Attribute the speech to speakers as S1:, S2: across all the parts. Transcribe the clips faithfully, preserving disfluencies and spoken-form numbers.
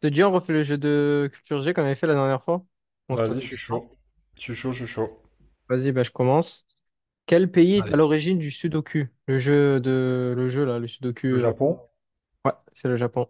S1: Te dis, on refait le jeu de culture G qu'on avait fait la dernière fois. On se pose
S2: Vas-y, je
S1: des
S2: suis
S1: questions.
S2: chaud. Je suis chaud, je suis chaud.
S1: Vas-y, bah, je commence. Quel pays est à
S2: Allez.
S1: l'origine du Sudoku? Le jeu de, le jeu là, le Sudoku.
S2: Le
S1: euh,
S2: Japon?
S1: Ouais, c'est le Japon.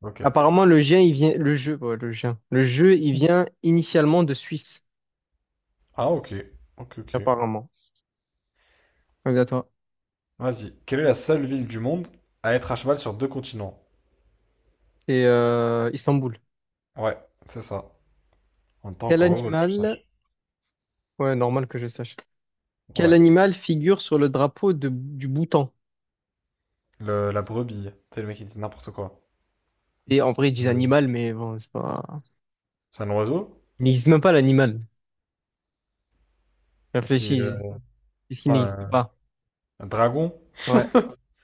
S2: Ok.
S1: Apparemment, le jeu, il vient, le jeu, ouais, le jeu, le jeu, il vient initialement de Suisse.
S2: Ah, ok. Ok, ok.
S1: Apparemment. Regarde toi.
S2: Vas-y. Quelle est la seule ville du monde à être à cheval sur deux continents?
S1: Et euh, Istanbul.
S2: Ouais, c'est ça. On temps
S1: Quel
S2: encore heureux que tu
S1: animal?
S2: saches.
S1: Ouais, normal que je sache. Quel
S2: Ouais.
S1: animal figure sur le drapeau de, du Bhoutan?
S2: Le, la brebis. C'est le mec qui dit n'importe quoi.
S1: Et en vrai, ils disent
S2: Le-
S1: animal, mais bon, c'est pas.
S2: C'est un oiseau?
S1: Il n'existe même pas l'animal.
S2: C'est euh,
S1: Réfléchis,
S2: je
S1: est-ce
S2: sais
S1: qu'il
S2: pas,
S1: n'existe
S2: un,
S1: pas?
S2: un dragon?
S1: Ouais,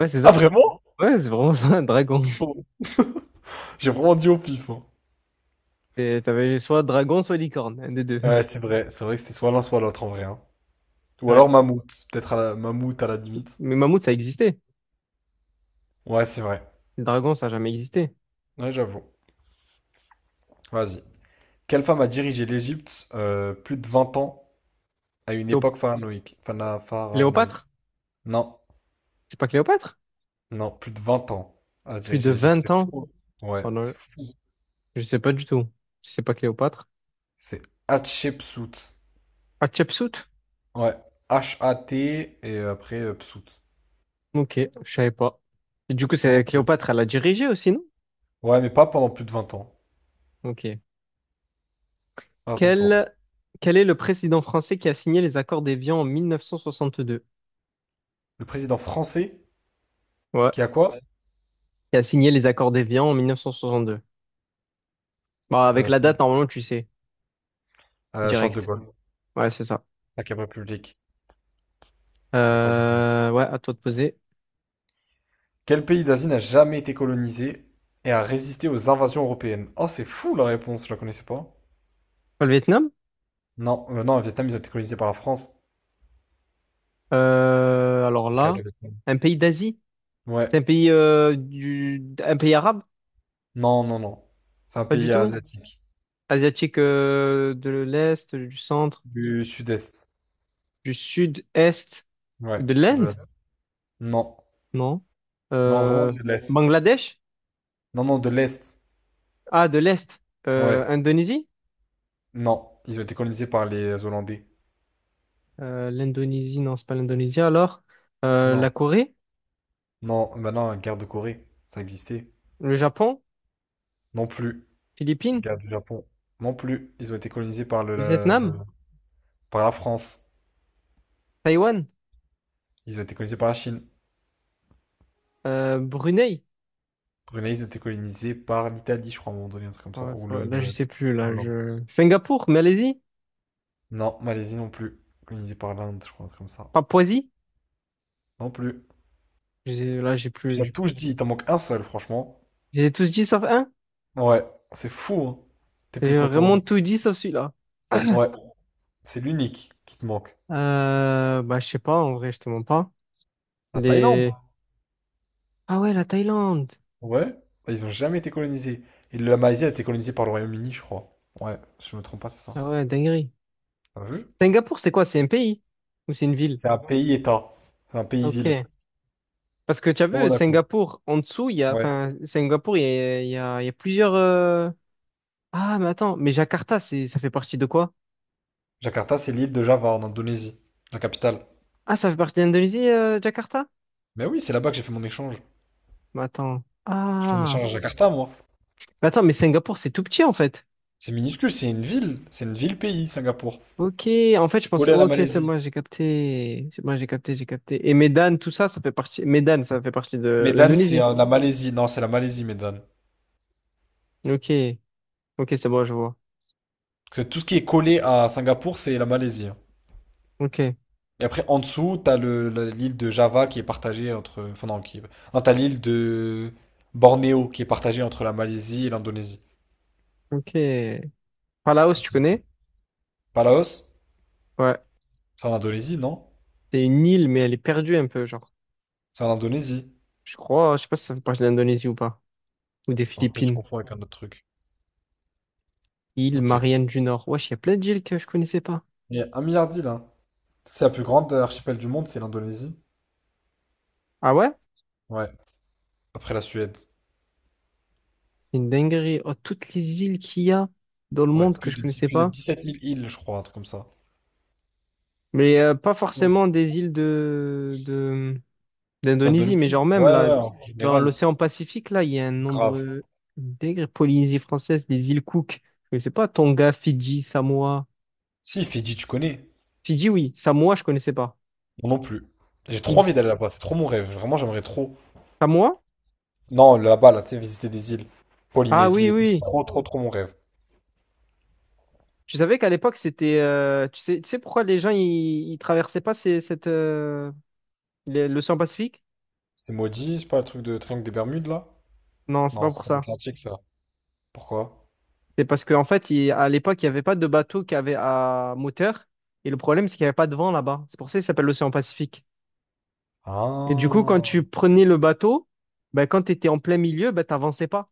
S1: ouais, c'est
S2: Ah,
S1: ça.
S2: vraiment?
S1: Ouais, c'est vraiment ça, un dragon.
S2: J'ai vraiment dit au pif, hein.
S1: Et t'avais soit dragon, soit licorne, un des deux.
S2: Ouais, c'est vrai. C'est vrai que c'était soit l'un, soit l'autre en vrai, hein. Ou
S1: Ouais.
S2: alors mammouth. Peut-être à la, mammouth à la limite.
S1: Mais mammouth, ça existait.
S2: Ouais, c'est vrai.
S1: Le dragon, ça a jamais existé.
S2: Ouais, j'avoue. Vas-y. Quelle femme a dirigé l'Égypte euh, plus de vingt ans à une
S1: Cléo-
S2: époque pharaonique? Phana- pharaonique.
S1: Cléopâtre?
S2: Non,
S1: C'est pas Cléopâtre?
S2: non, plus de vingt ans à
S1: Plus de
S2: diriger l'Égypte.
S1: vingt
S2: C'est
S1: ans.
S2: fou, hein. Ouais,
S1: Oh non,
S2: c'est fou.
S1: je sais pas du tout. C'est pas Cléopâtre.
S2: C'est Hatshepsut.
S1: Hatshepsut?
S2: Ouais, H A T et après euh, Psut.
S1: Ok, je savais pas. Et du coup,
S2: Moi
S1: c'est
S2: non plus.
S1: Cléopâtre, elle a dirigé aussi, non?
S2: Ouais, mais pas pendant plus de vingt ans.
S1: Ok.
S2: À ton tour.
S1: Quel, quel est le président français qui a signé les accords d'Évian en mille neuf cent soixante-deux?
S2: Le président français
S1: Ouais.
S2: qui a quoi?
S1: Qui a signé les accords d'Évian en mille neuf cent soixante-deux. Bah, avec
S2: Euh,
S1: la date, normalement, tu sais,
S2: euh, Charles de
S1: direct.
S2: Gaulle.
S1: Ouais, c'est ça.
S2: Cinquième République. Accordé.
S1: Euh, ouais, à toi de poser.
S2: Quel pays d'Asie n'a jamais été colonisé et a résisté aux invasions européennes? Oh, c'est fou la réponse, je la connaissais pas.
S1: Le Vietnam?
S2: Non, euh, non, le Vietnam, ils ont été colonisés par la France.
S1: Euh, alors
S2: Ok, le cas
S1: là,
S2: du Vietnam.
S1: un pays d'Asie? C'est
S2: Ouais.
S1: un pays euh, du, un pays arabe?
S2: Non, non, non. C'est un
S1: Pas du
S2: pays
S1: tout.
S2: asiatique.
S1: Asiatique euh, de l'Est, du centre,
S2: Du sud-est.
S1: du sud-est,
S2: Ouais,
S1: de
S2: de
S1: l'Inde?
S2: l'Asie. Non.
S1: Non.
S2: Non, vraiment
S1: Euh,
S2: de l'Est.
S1: Bangladesh?
S2: Non, non, de l'Est.
S1: Ah, de l'Est. Euh,
S2: Ouais.
S1: Indonésie?
S2: Non. Ils ont été colonisés par les Hollandais.
S1: Euh, l'Indonésie, non, c'est pas l'Indonésie. Alors, euh, la
S2: Non.
S1: Corée?
S2: Non, maintenant, guerre de Corée. Ça existait.
S1: Le Japon?
S2: Non plus.
S1: Philippines?
S2: Guerre du Japon. Non plus. Ils ont été colonisés par le,
S1: Le
S2: la-
S1: Vietnam?
S2: le- par la France.
S1: Taïwan?
S2: Ils ont été colonisés par la Chine.
S1: Euh, Brunei?
S2: Brunei, ils ont été colonisés par l'Italie, je crois, à un moment donné, un truc comme
S1: Ouais,
S2: ça. Ou le,
S1: faut- là, je
S2: le-
S1: sais plus. Là,
S2: Hollande.
S1: je... Singapour, Malaisie,
S2: Non, Malaisie non plus. Colonisée par l'Inde, je crois, un truc comme ça.
S1: Papouasie.
S2: Non plus.
S1: Je sais- Là, j'ai plus.
S2: Tu as
S1: j'ai
S2: tout
S1: plus-
S2: dit, il t'en manque un seul, franchement.
S1: J'ai tous dit sauf un.
S2: Ouais, c'est fou, hein. T'es
S1: J'ai
S2: plus
S1: vraiment
S2: contourné.
S1: tout dit sauf celui-là.
S2: Ouais, c'est l'unique qui te manque.
S1: Euh, bah, je sais pas, en vrai, je te mens pas.
S2: La Thaïlande?
S1: Les... Ah ouais, la Thaïlande.
S2: Ouais. Bah, ils ont jamais été colonisés. Et la Malaisie a été colonisée par le Royaume-Uni, je crois. Ouais, si je me trompe pas, c'est ça.
S1: Ah ouais, dinguerie.
S2: T'as vu?
S1: Singapour, c'est quoi? C'est un pays? Ou c'est une ville?
S2: C'est un pays-État. C'est un pays-ville.
S1: Ok. Parce que tu as
S2: C'est pas
S1: vu,
S2: Monaco.
S1: Singapour, en dessous, il y a...
S2: Ouais.
S1: Enfin, Singapour, il y a, il y a, il y a plusieurs... euh, ah, mais attends, mais Jakarta, c'est, ça fait partie de quoi?
S2: Jakarta, c'est l'île de Java en Indonésie, la capitale.
S1: Ah, ça fait partie de l'Indonésie, euh, Jakarta?
S2: Mais oui, c'est là-bas que j'ai fait mon échange.
S1: Mais attends.
S2: Je fais mon échange
S1: Ah.
S2: à Jakarta, moi.
S1: Mais attends, mais Singapour, c'est tout petit en fait.
S2: C'est minuscule, c'est une ville. C'est une ville-pays, Singapour.
S1: Ok, en fait, je pensais,
S2: Collé à
S1: ouais,
S2: la
S1: ok, c'est
S2: Malaisie.
S1: moi, j'ai capté. C'est moi, j'ai capté, j'ai capté. Et Medan, tout ça, ça fait partie. Medan, ça fait partie de
S2: Medan, c'est
S1: l'Indonésie.
S2: euh, la Malaisie. Non, c'est la Malaisie, Medan.
S1: Ok, ok, c'est bon, je vois.
S2: Parce que tout ce qui est collé à Singapour, c'est la Malaisie, hein.
S1: Ok,
S2: Et après, en dessous, t'as le, la- l'île de Java qui est partagée entre. Enfin, non, qui. Non, t'as l'île de Bornéo qui est partagée entre la Malaisie et l'Indonésie.
S1: ok. Palaos, tu connais?
S2: Palaos?
S1: Ouais.
S2: C'est en Indonésie, non?
S1: C'est une île, mais elle est perdue un peu, genre.
S2: C'est en Indonésie.
S1: Je crois, je sais pas si ça fait partie de l'Indonésie ou pas. Ou des
S2: Je sais pas, peut-être je
S1: Philippines.
S2: confonds avec un autre truc.
S1: Île
S2: Ok.
S1: Marianne du Nord. Wesh, il y a plein d'îles que je connaissais pas.
S2: Il y a un milliard d'îles, hein. C'est la plus grande archipel du monde, c'est l'Indonésie.
S1: Ah ouais?
S2: Ouais. Après la Suède.
S1: C'est une dinguerie. Oh, toutes les îles qu'il y a dans le
S2: Ouais.
S1: monde que
S2: Plus
S1: je
S2: de, dix-
S1: connaissais
S2: plus de
S1: pas.
S2: dix-sept mille îles, je crois, un truc comme ça.
S1: Mais euh, pas forcément des îles de, de, d'Indonésie, mais
S2: L'Indonésie?
S1: genre même
S2: Ouais,
S1: là,
S2: ouais, en
S1: dans
S2: général,
S1: l'océan Pacifique, là, il y a un
S2: grave.
S1: nombre d'îles Polynésie française, les îles Cook. Je connaissais pas Tonga, Fidji, Samoa.
S2: Si, Fidji, tu connais?
S1: Fidji, oui. Samoa, je connaissais pas.
S2: Moi non plus. J'ai trop
S1: Île
S2: envie d'aller là-bas, c'est trop mon rêve. Vraiment, j'aimerais trop.
S1: Samoa?
S2: Non, là-bas, là, tu sais, visiter des îles.
S1: Ah oui,
S2: Polynésie et tout, c'est
S1: oui.
S2: trop, trop, trop mon rêve.
S1: Tu savais qu'à l'époque, c'était. euh, tu sais, tu sais pourquoi les gens, ils, ils traversaient pas ces- cette, euh, les- l'océan Pacifique?
S2: C'est maudit, c'est pas le truc de Triangle des Bermudes, là?
S1: Non, c'est pas
S2: Non,
S1: pour
S2: c'est
S1: ça.
S2: l'Atlantique, ça. Pourquoi?
S1: C'est parce qu'en fait, il- à l'époque, il n'y avait pas de bateau qui avait à moteur. Et le problème, c'est qu'il n'y avait pas de vent là-bas. C'est pour ça qu'il s'appelle l'océan Pacifique. Et du coup, quand
S2: Ah,
S1: tu prenais le bateau, ben, quand tu étais en plein milieu, ben, tu n'avançais pas.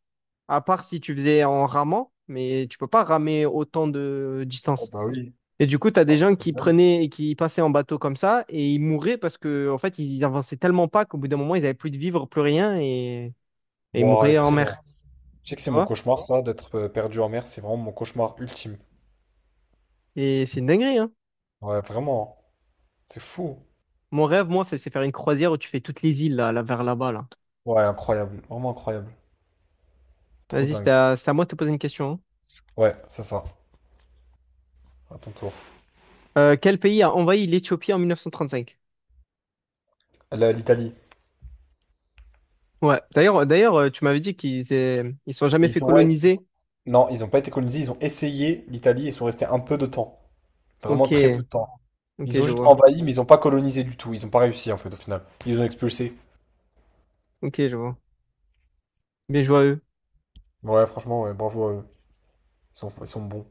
S1: À part si tu faisais en ramant, mais tu peux pas ramer autant de distance.
S2: bah oui.
S1: Et du coup, tu as
S2: Ah,
S1: des gens
S2: c'est
S1: qui
S2: dingue.
S1: prenaient et qui passaient en bateau comme ça et ils mouraient parce que, en fait, ils avançaient tellement pas qu'au bout d'un moment, ils n'avaient plus de vivre, plus rien et, et ils
S2: Wow,
S1: mouraient en mer.
S2: effrayant. Tu sais que c'est
S1: Tu
S2: mon
S1: vois?
S2: cauchemar, ça, d'être euh, perdu en mer, c'est vraiment mon cauchemar ultime.
S1: Et c'est une dinguerie, hein.
S2: Ouais, vraiment, hein. C'est fou.
S1: Mon rêve, moi, c'est c'est faire une croisière où tu fais toutes les îles là, là, vers là-bas, là.
S2: Ouais, incroyable. Vraiment incroyable. Trop
S1: Vas-y, c'est
S2: dingue.
S1: à, c'est à moi de te poser une question. Hein.
S2: Ouais, c'est ça. À ton tour.
S1: Euh, quel pays a envahi l'Éthiopie en mille neuf cent trente-cinq?
S2: La- L'Italie.
S1: Ouais. D'ailleurs, d'ailleurs, euh, tu m'avais dit qu'ils aient- ils sont jamais fait
S2: Ils ont, ouais,
S1: coloniser.
S2: non, ils n'ont pas été colonisés, ils ont essayé l'Italie et sont restés un peu de temps. Vraiment
S1: Ok,
S2: très peu de temps.
S1: ok,
S2: Ils ont
S1: je
S2: juste
S1: vois.
S2: envahi, mais ils n'ont pas colonisé du tout. Ils n'ont pas réussi, en fait, au final. Ils les ont expulsés.
S1: Ok, je vois. Bien joué à eux.
S2: Ouais, franchement, ouais, bravo à eux. Ils sont, ils sont bons.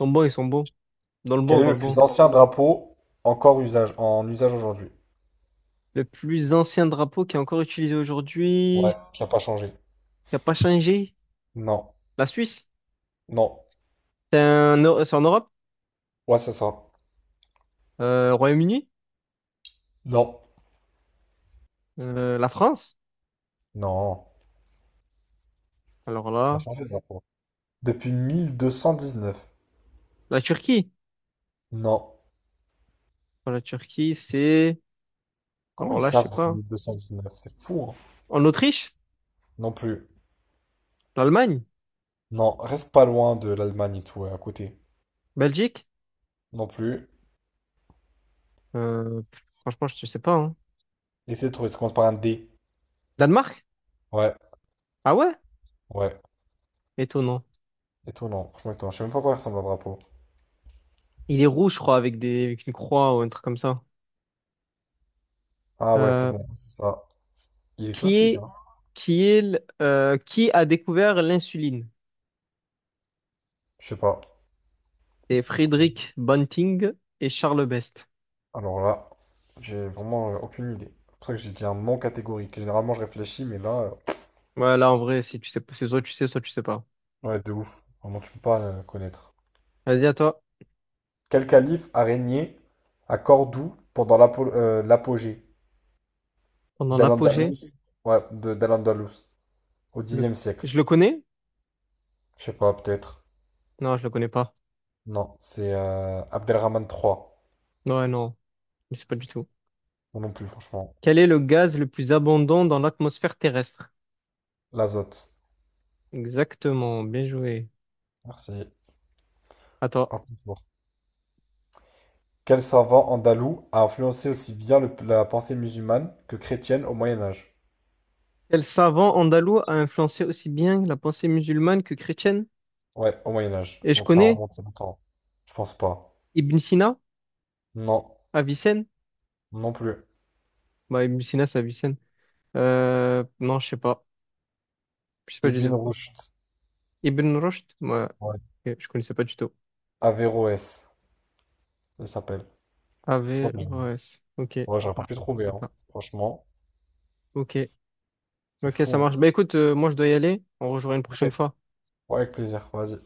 S1: Ils sont bons, ils sont bons. Dans le
S2: Quel
S1: bon,
S2: est
S1: dans
S2: le
S1: le
S2: plus
S1: bon.
S2: ancien drapeau encore usage, en usage aujourd'hui?
S1: Le plus ancien drapeau qui est encore utilisé
S2: Ouais,
S1: aujourd'hui,
S2: qui n'a pas changé.
S1: qui n'a pas changé.
S2: Non,
S1: La Suisse.
S2: non.
S1: C'est un- c'est en Europe.
S2: Ouais, c'est ça.
S1: Euh, Royaume-Uni.
S2: Non.
S1: Euh, la France.
S2: Non.
S1: Alors
S2: Ça a
S1: là,
S2: changé le drapeau. Depuis mille deux cent dix-neuf.
S1: la Turquie.
S2: Non.
S1: Pour la Turquie, c'est
S2: Comment
S1: alors
S2: ils
S1: là, je sais
S2: savent depuis
S1: pas.
S2: mille deux cent dix-neuf? C'est fou, hein.
S1: En Autriche?
S2: Non plus.
S1: L'Allemagne?
S2: Non, reste pas loin de l'Allemagne et tout, ouais, à côté.
S1: Belgique?
S2: Non plus.
S1: Euh, pff, franchement, je sais pas. Hein.
S2: Essaie de trouver, ça commence par un D.
S1: Danemark?
S2: Ouais,
S1: Ah ouais?
S2: ouais.
S1: Étonnant.
S2: Et toi, non, franchement, et toi, je sais même pas à quoi ressemble un drapeau.
S1: Il est rouge, je crois, avec des, avec une croix ou un truc comme ça.
S2: Ah ouais, c'est
S1: Euh,
S2: bon, c'est ça. Il est
S1: qui
S2: classique,
S1: est,
S2: hein.
S1: qui est, l- euh, qui a découvert l'insuline?
S2: Je sais pas.
S1: C'est Friedrich Banting et Charles Best.
S2: Alors là, j'ai vraiment euh, aucune idée. C'est pour ça que j'ai dit un non catégorique. Généralement, je réfléchis, mais là,
S1: Ouais, là, en vrai, si tu sais, pas- c'est soit tu sais, soit tu sais pas.
S2: euh, ouais, de ouf. Vraiment, tu peux pas euh, connaître.
S1: Vas-y, à toi.
S2: Quel calife a régné à Cordoue pendant l'apo- euh, l'apogée
S1: Pendant
S2: dal
S1: l'apogée,
S2: andalus. Ouais, de dal andalus au
S1: le...
S2: dixième siècle.
S1: je le connais?
S2: Je sais pas, peut-être.
S1: Non, je le connais pas.
S2: Non, c'est euh, Abdelrahman trois.
S1: Ouais, non, je sais pas du tout.
S2: Non non plus, franchement.
S1: Quel est le gaz le plus abondant dans l'atmosphère terrestre?
S2: L'azote.
S1: Exactement, bien joué.
S2: Merci.
S1: Attends,
S2: À ton tour. Quel savant andalou a influencé aussi bien le- la pensée musulmane que chrétienne au Moyen Âge?
S1: quel savant andalou a influencé aussi bien la pensée musulmane que chrétienne?
S2: Ouais, au Moyen Âge.
S1: Et je
S2: Donc ça
S1: connais
S2: remonte longtemps. Je pense pas.
S1: Ibn Sina,
S2: Non,
S1: Avicenne.
S2: non plus.
S1: Bah, Ibn Sina, c'est Avicenne. Euh, non, je sais pas. Je sais pas du
S2: Ibn
S1: tout.
S2: Rushd.
S1: Ibn Rushd? Ouais.
S2: Ouais.
S1: Ok, je connaissais pas du tout.
S2: Averroès, il s'appelle. Franchement,
S1: Averroès. Ok.
S2: je, ouais, j'aurais pas
S1: Non,
S2: pu
S1: je
S2: trouver,
S1: connaissais
S2: hein.
S1: pas.
S2: Franchement,
S1: Ok.
S2: c'est
S1: Ok,
S2: fou,
S1: ça
S2: hein.
S1: marche. Bah écoute, euh, moi je dois y aller. On rejoint une
S2: Ok.
S1: prochaine fois.
S2: Ouais, avec plaisir. Vas-y.